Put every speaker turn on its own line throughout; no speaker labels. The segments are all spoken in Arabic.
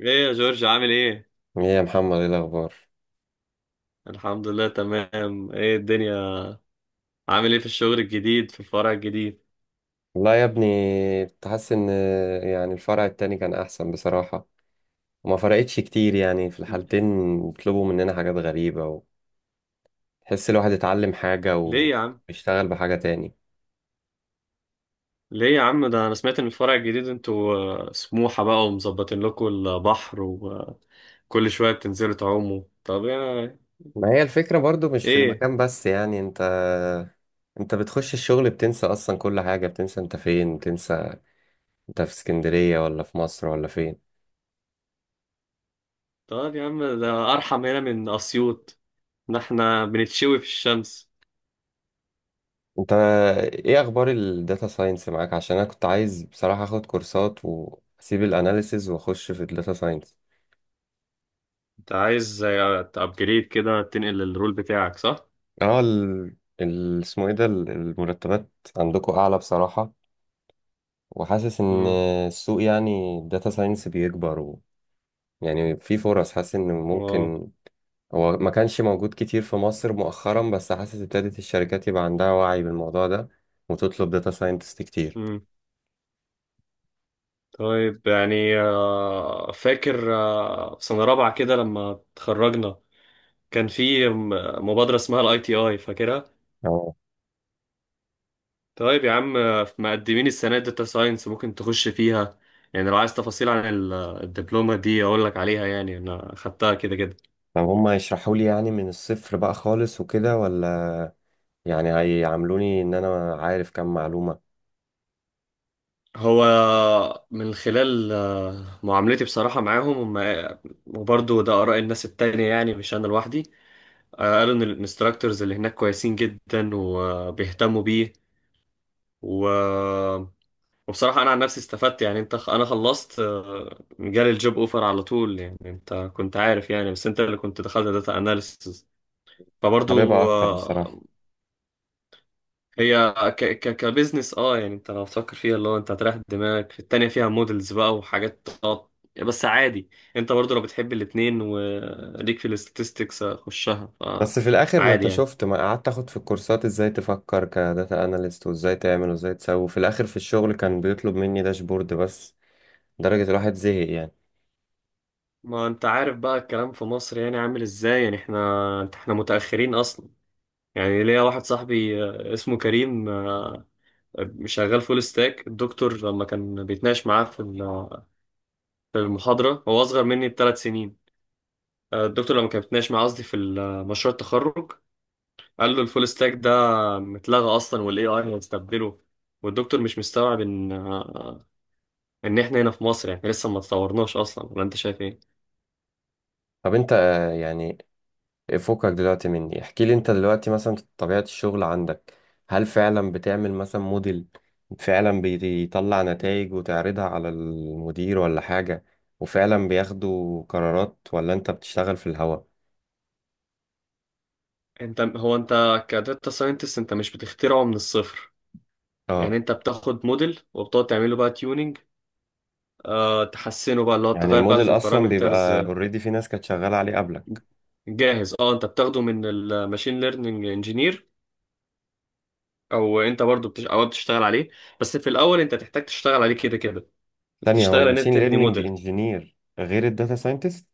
ايه يا جورج عامل ايه؟
ايه يا محمد، ايه الاخبار؟
الحمد لله تمام. ايه الدنيا، عامل ايه في الشغل الجديد في الفرع الجديد؟
والله يا ابني كنت حاسس ان يعني الفرع التاني كان احسن بصراحة، وما فرقتش كتير يعني في
ل-
الحالتين. بيطلبوا مننا حاجات غريبة وتحس الواحد اتعلم حاجة
ليه يا عم؟
ويشتغل بحاجة تاني.
ليه يا عم، ده انا سمعت ان الفرع الجديد انتوا سموحة بقى ومظبطين لكم البحر وكل شوية بتنزلوا تعوموا. طب يا
ما هي الفكرة برضو مش في
ايه؟
المكان بس، يعني انت بتخش الشغل بتنسى اصلا كل حاجة، بتنسى انت فين، بتنسى انت في اسكندرية ولا في مصر ولا فين.
طب يا عم ده ارحم هنا من اسيوط، ده احنا بنتشوي في الشمس.
انت ايه اخبار الداتا ساينس معاك؟ عشان انا كنت عايز بصراحة اخد كورسات واسيب الاناليسز واخش في الداتا ساينس.
انت عايز تابجريد كده تنقل الرول بتاعك، صح؟
اه ال... ال... اسمه ايه ده ال- المرتبات عندكم اعلى بصراحة، وحاسس ان
امم
السوق، يعني الداتا ساينس بيكبر يعني في فرص حاسس ان
واو.
ممكن. هو ما كانش موجود كتير في مصر مؤخرا، بس حاسس ابتدت الشركات يبقى عندها وعي بالموضوع ده وتطلب داتا ساينتست كتير.
طيب يعني فاكر في سنة رابعة كده لما اتخرجنا كان في مبادرة اسمها الاي تي اي، فاكرها؟
اه.
طيب يا عم مقدمين السنة داتا ساينس ممكن تخش فيها، يعني لو عايز تفاصيل عن الدبلومة دي اقول لك عليها، يعني انا خدتها كده كده.
طب هما يشرحوا لي يعني من الصفر بقى خالص وكده، ولا يعني هيعاملوني ان انا عارف كام معلومة؟
هو من خلال معاملتي بصراحة معاهم هم وبرضه ده آراء الناس التانية يعني مش أنا لوحدي. قالوا إن الانستراكتورز اللي هناك كويسين جدا وبيهتموا بيه. و وبصراحة أنا عن نفسي استفدت، يعني أنت أنا خلصت جالي الجوب أوفر على طول، يعني أنت كنت عارف يعني، بس أنت اللي كنت دخلت داتا أناليسز. فبرضو
حاببها اكتر بصراحة.
هي ك كبزنس أه، يعني أنت لو تفكر فيها اللي هو أنت هتريح دماغك في التانية فيها مودلز بقى وحاجات بس عادي، أنت برضو لو بتحب الاتنين وليك في الاستاتستكس خشها.
بس في الاخر ما انت
فعادي يعني.
شفت، ما قعدت اخد في الكورسات ازاي تفكر كداتا اناليست وازاي تعمل وازاي تسوي، في الاخر في الشغل كان بيطلب مني داشبورد بس، لدرجة الواحد زهق يعني.
ما أنت عارف بقى الكلام في مصر يعني عامل إزاي، يعني إحنا متأخرين أصلا. يعني ليا واحد صاحبي اسمه كريم، شغال فول ستاك. الدكتور لما كان بيتناقش معاه في في المحاضرة، هو أصغر مني بـ3 سنين. الدكتور لما كان بيتناقش معاه قصدي في مشروع التخرج، قال له الفول ستاك ده متلغى أصلا والاي اي هيستبدله. والدكتور مش مستوعب ان ان احنا هنا في مصر يعني لسه ما اتطورناش اصلا، ولا انت شايف ايه.
طب انت آه، يعني فكك دلوقتي مني، احكي لي انت دلوقتي مثلا طبيعة الشغل عندك، هل فعلا بتعمل مثلا موديل فعلا بيطلع نتائج وتعرضها على المدير ولا حاجة؟ وفعلا بياخدوا قرارات ولا انت بتشتغل في الهوا؟
انت، هو انت كداتا ساينتست انت مش بتخترعه من الصفر. يعني
اه.
انت بتاخد موديل وبتقعد تعمله بقى tuning، آه تحسنه بقى اللي هو
يعني
تغير بقى
الموديل
في
اصلا
البارامترز.
بيبقى اوريدي في ناس كانت شغاله عليه قبلك.
جاهز، اه انت بتاخده من الماشين ليرنينج انجينير، او انت برضو او بتشتغل عليه. بس في الاول انت تحتاج تشتغل عليه كده كده،
ثانيه، هو
تشتغل ان انت
الماشين
تبني
ليرنينج
موديل.
انجينير غير الداتا ساينتست؟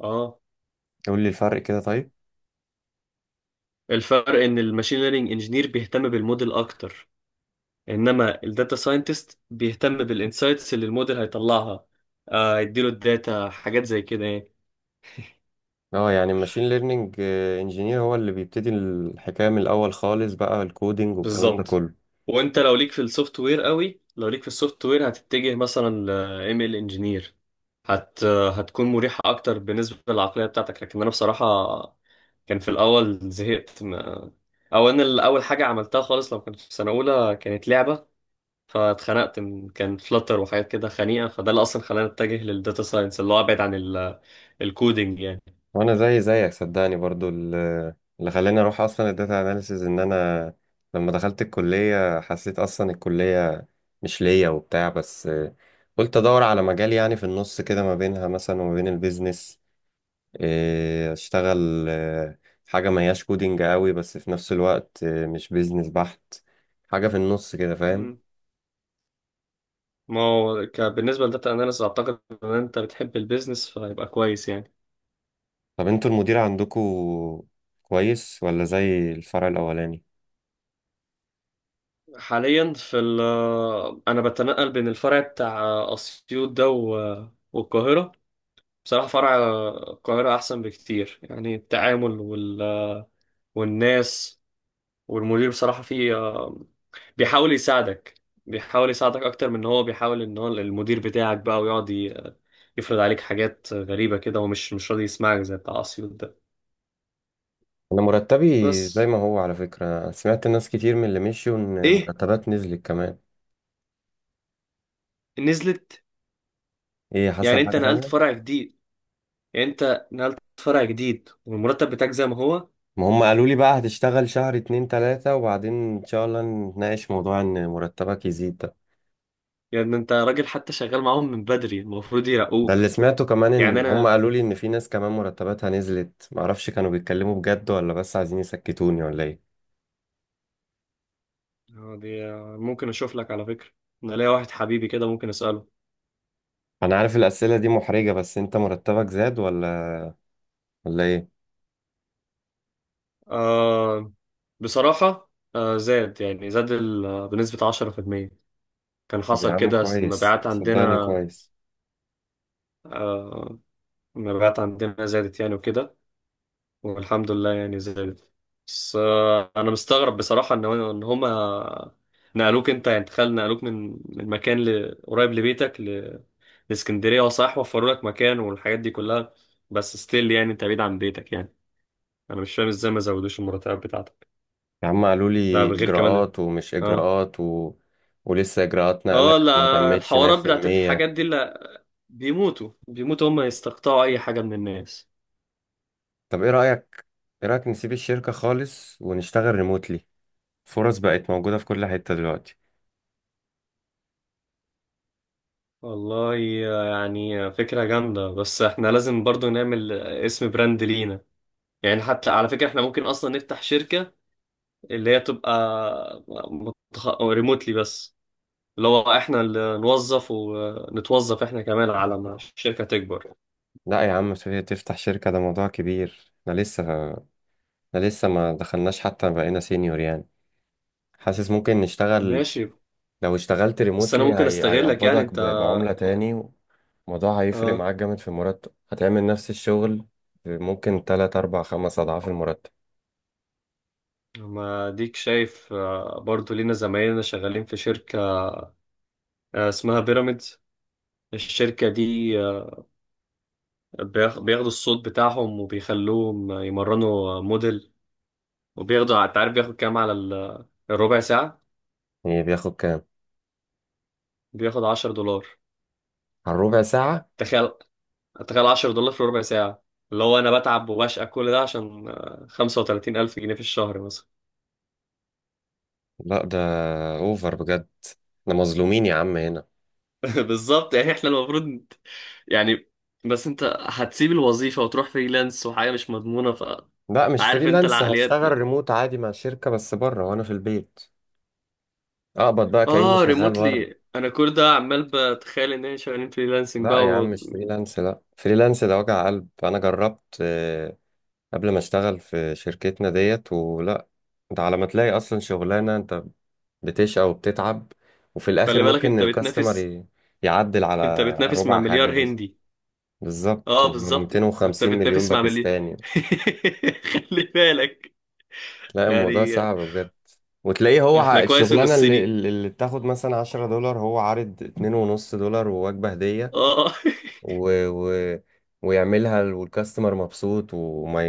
اه.
قول لي الفرق كده طيب.
الفرق ان الماشين ليرنينج انجينير بيهتم بالموديل اكتر، انما الداتا ساينتست بيهتم بالانسايتس اللي الموديل هيطلعها. يديله الداتا حاجات زي كده يعني.
اه يعني الماشين ليرنينج انجينير هو اللي بيبتدي الحكايه من الاول خالص، بقى الكودينج والكلام ده
بالظبط.
كله.
وانت لو ليك في السوفت وير قوي، لو ليك في السوفت وير هتتجه مثلا ل ML انجينير، هتكون مريحة اكتر بالنسبة للعقلية بتاعتك. لكن انا بصراحة كان في الاول زهقت. ما... او انا اول حاجة عملتها خالص لما كنت في سنة اولى كانت لعبة، فاتخنقت من كان فلتر وحاجات كده خنيقة، فده اللي اصلا خلاني اتجه للداتا ساينس اللي هو ابعد عن الكودينج يعني.
وانا زي زيك صدقني، برضو اللي خلاني اروح اصلا الداتا اناليسز ان انا لما دخلت الكليه حسيت اصلا الكليه مش ليا وبتاع، بس قلت ادور على مجال يعني في النص كده ما بينها مثلا وما بين البيزنس، إيه، اشتغل آه، حاجة ما هياش كودينج قوي، بس في نفس الوقت آه، مش بيزنس بحت، حاجة في النص كده، فاهم؟
مم. ما هو بالنسبة للداتا اناليسز اعتقد ان انت بتحب البيزنس، فيبقى كويس يعني.
طب انتوا المدير عندكوا كويس ولا زي الفرع الأولاني؟
حاليا في ال، انا بتنقل بين الفرع بتاع اسيوط ده والقاهره. بصراحه فرع القاهره احسن بكتير، يعني التعامل والناس. والمدير بصراحه فيه بيحاول يساعدك، بيحاول يساعدك اكتر من ان هو بيحاول ان هو المدير بتاعك بقى ويقعد يفرض عليك حاجات غريبة كده، ومش مش راضي يسمعك زي بتاع اسيوط ده.
انا مرتبي زي
بس.
ما هو، على فكرة سمعت ناس كتير من اللي مشيوا ان
ايه،
مرتبات نزلت كمان.
نزلت.
ايه
يعني
حصل
انت
حاجة
نقلت
تانية؟
فرع جديد، يعني انت نقلت فرع جديد والمرتب بتاعك زي ما هو.
ما هم قالوا لي بقى هتشتغل شهر اتنين تلاتة وبعدين ان شاء الله نتناقش موضوع ان مرتبك يزيد ده.
يعني انت راجل حتى شغال معاهم من بدري، المفروض
ده اللي
يرقوك.
سمعته كمان،
يعني
ان هم
انا،
قالوا لي ان في ناس كمان مرتباتها نزلت، معرفش كانوا بيتكلموا بجد ولا بس عايزين يسكتوني ولا ايه.
دي ممكن اشوف لك على فكرة. انا ليا واحد حبيبي كده، ممكن اسأله.
انا عارف الاسئله دي محرجه، بس انت مرتبك زاد ولا ولا ايه؟
آه. بصراحة آه زاد، يعني زاد بنسبة 10%. كان
طب يا
حصل
عم
كده،
كويس،
المبيعات
صدقني
عندنا
كويس.
آه، المبيعات عندنا زادت يعني وكده، والحمد لله يعني زادت. بس آه انا مستغرب بصراحة ان ان هما نقلوك انت. يعني تخيل، نقلوك من مكان قريب لبيتك، اسكندريه اه صح، وفروا لك مكان والحاجات دي كلها. بس ستيل يعني انت بعيد عن بيتك يعني. انا مش فاهم ازاي ما زودوش المرتبات بتاعتك،
يا عم قالوا
ده
لي
بغير كمان.
اجراءات ومش
اه.
اجراءات ولسه اجراءات
اه
نقلك ما
لا،
تمتش
الحوارات بتاعت
100%.
الحاجات دي لا، بيموتوا هم يستقطعوا اي حاجه من الناس.
طب ايه رايك، ايه رايك نسيب الشركه خالص ونشتغل ريموتلي؟ فرص بقت موجوده في كل حته دلوقتي.
والله، يعني فكره جامده، بس احنا لازم برضو نعمل اسم براند لينا. يعني حتى على فكره احنا ممكن اصلا نفتح شركه اللي هي تبقى ريموتلي بس، اللي هو احنا اللي نوظف ونتوظف احنا كمان على ما الشركة تكبر.
لا يا عم، سوريا تفتح شركه ده موضوع كبير، احنا لسه ما دخلناش حتى بقينا سينيور يعني. حاسس ممكن نشتغل.
ماشي.
لو اشتغلت
بس انا
ريموتلي
ممكن استغلك يعني انت.
بعملة تاني، الموضوع هيفرق
اه،
معاك جامد في المرتب، هتعمل نفس الشغل ممكن تلات أربع خمس أضعاف المرتب.
ما ديك شايف برضو لينا زمايلنا شغالين في شركة اسمها بيراميدز. الشركة دي بياخدوا الصوت بتاعهم وبيخلوهم يمرنوا موديل، وبياخدوا انت عارف بياخد كام على الربع ساعة؟
يعني بياخد كام؟
بياخد $10.
على الربع ساعة؟
تخيل، تخيل $10 في ربع ساعة! اللي هو أنا بتعب وبشقى كل ده عشان 35,000 جنيه في الشهر مثلا.
لا ده أوفر بجد. احنا مظلومين يا عم هنا.
بالظبط. يعني احنا المفروض يعني. بس انت هتسيب الوظيفة وتروح فريلانس وحاجة مش مضمونة ف،
لا مش
عارف انت
فريلانس،
العقليات.
هشتغل ريموت عادي مع شركة بس بره وأنا في البيت، أقبض بقى كأني
اه
شغال بره.
ريموتلي، انا كل ده عمال بتخيل ان احنا شغالين فريلانسنج
لا
بقى
يا عم مش فريلانس، لا فريلانس ده وجع قلب، أنا جربت قبل ما اشتغل في شركتنا ديت ولا. ده على ما تلاقي اصلا شغلانه انت بتشقى وبتتعب، وفي الاخر
وخلي بالك
ممكن
انت
الكاستمر
بتنافس،
يعدل
انت
على
بتنافس مع
ربع حاجه
مليار
بس.
هندي.
بالظبط،
اه بالظبط،
و250 مليون
بتنافس مع مليار.
باكستاني.
خلي بالك
لا الموضوع
يعني.
صعب بجد. وتلاقيه هو
احنا كويس ان
الشغلانه اللي,
الصيني،
اللي اللي بتاخد مثلا 10 دولار، هو عارض 2 ونص دولار ووجبه هديه
اه.
و... و... ويعملها والكاستمر مبسوط وما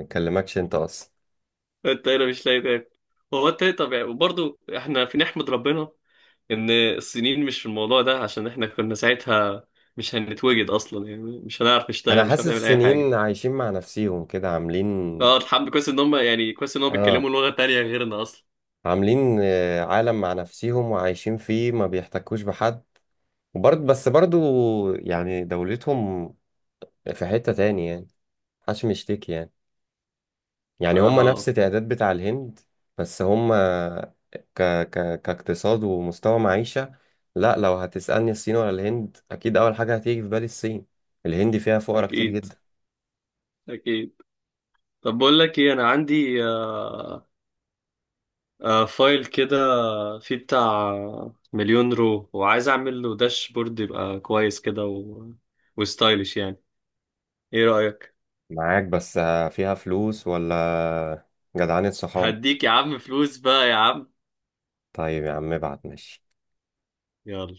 يكلمكش انت اصلا.
انت هنا مش لاقي تاكل. هو انت ايه طبيعي. وبرضه احنا في، نحمد ربنا ان الصينيين مش في الموضوع ده، عشان احنا كنا ساعتها مش هنتوجد اصلا، يعني مش هنعرف
انا
نشتغل، مش
حاسس
هنعمل اي حاجه.
السنين عايشين مع نفسيهم كده، عاملين
اه الحمد، كويس ان هم يعني كويس ان هم
اه،
بيتكلموا لغه تانية غيرنا اصلا.
عاملين آه، عالم مع نفسيهم وعايشين فيه، ما بيحتكوش بحد. وبرضه بس برضه يعني دولتهم في حتة تاني يعني، محدش مشتكي يعني. يعني هم
صراحه
نفس
آه.
تعداد بتاع الهند، بس هم ك... كاقتصاد ومستوى معيشة، لا لو هتسألني الصين ولا الهند، اكيد اول حاجة هتيجي في بالي الصين. الهند فيها فقرا كتير
اكيد،
جدا.
اكيد. طب بقول لك ايه، انا عندي آه، آه فايل كده فيه بتاع 1,000,000 رو، وعايز اعمل له داشبورد يبقى كويس كده وستايلش يعني. ايه رايك؟
معاك بس، فيها فلوس ولا جدعانة صحاب؟
هديك يا عم فلوس بقى يا عم.
طيب يا عم ابعت، ماشي.
يلا.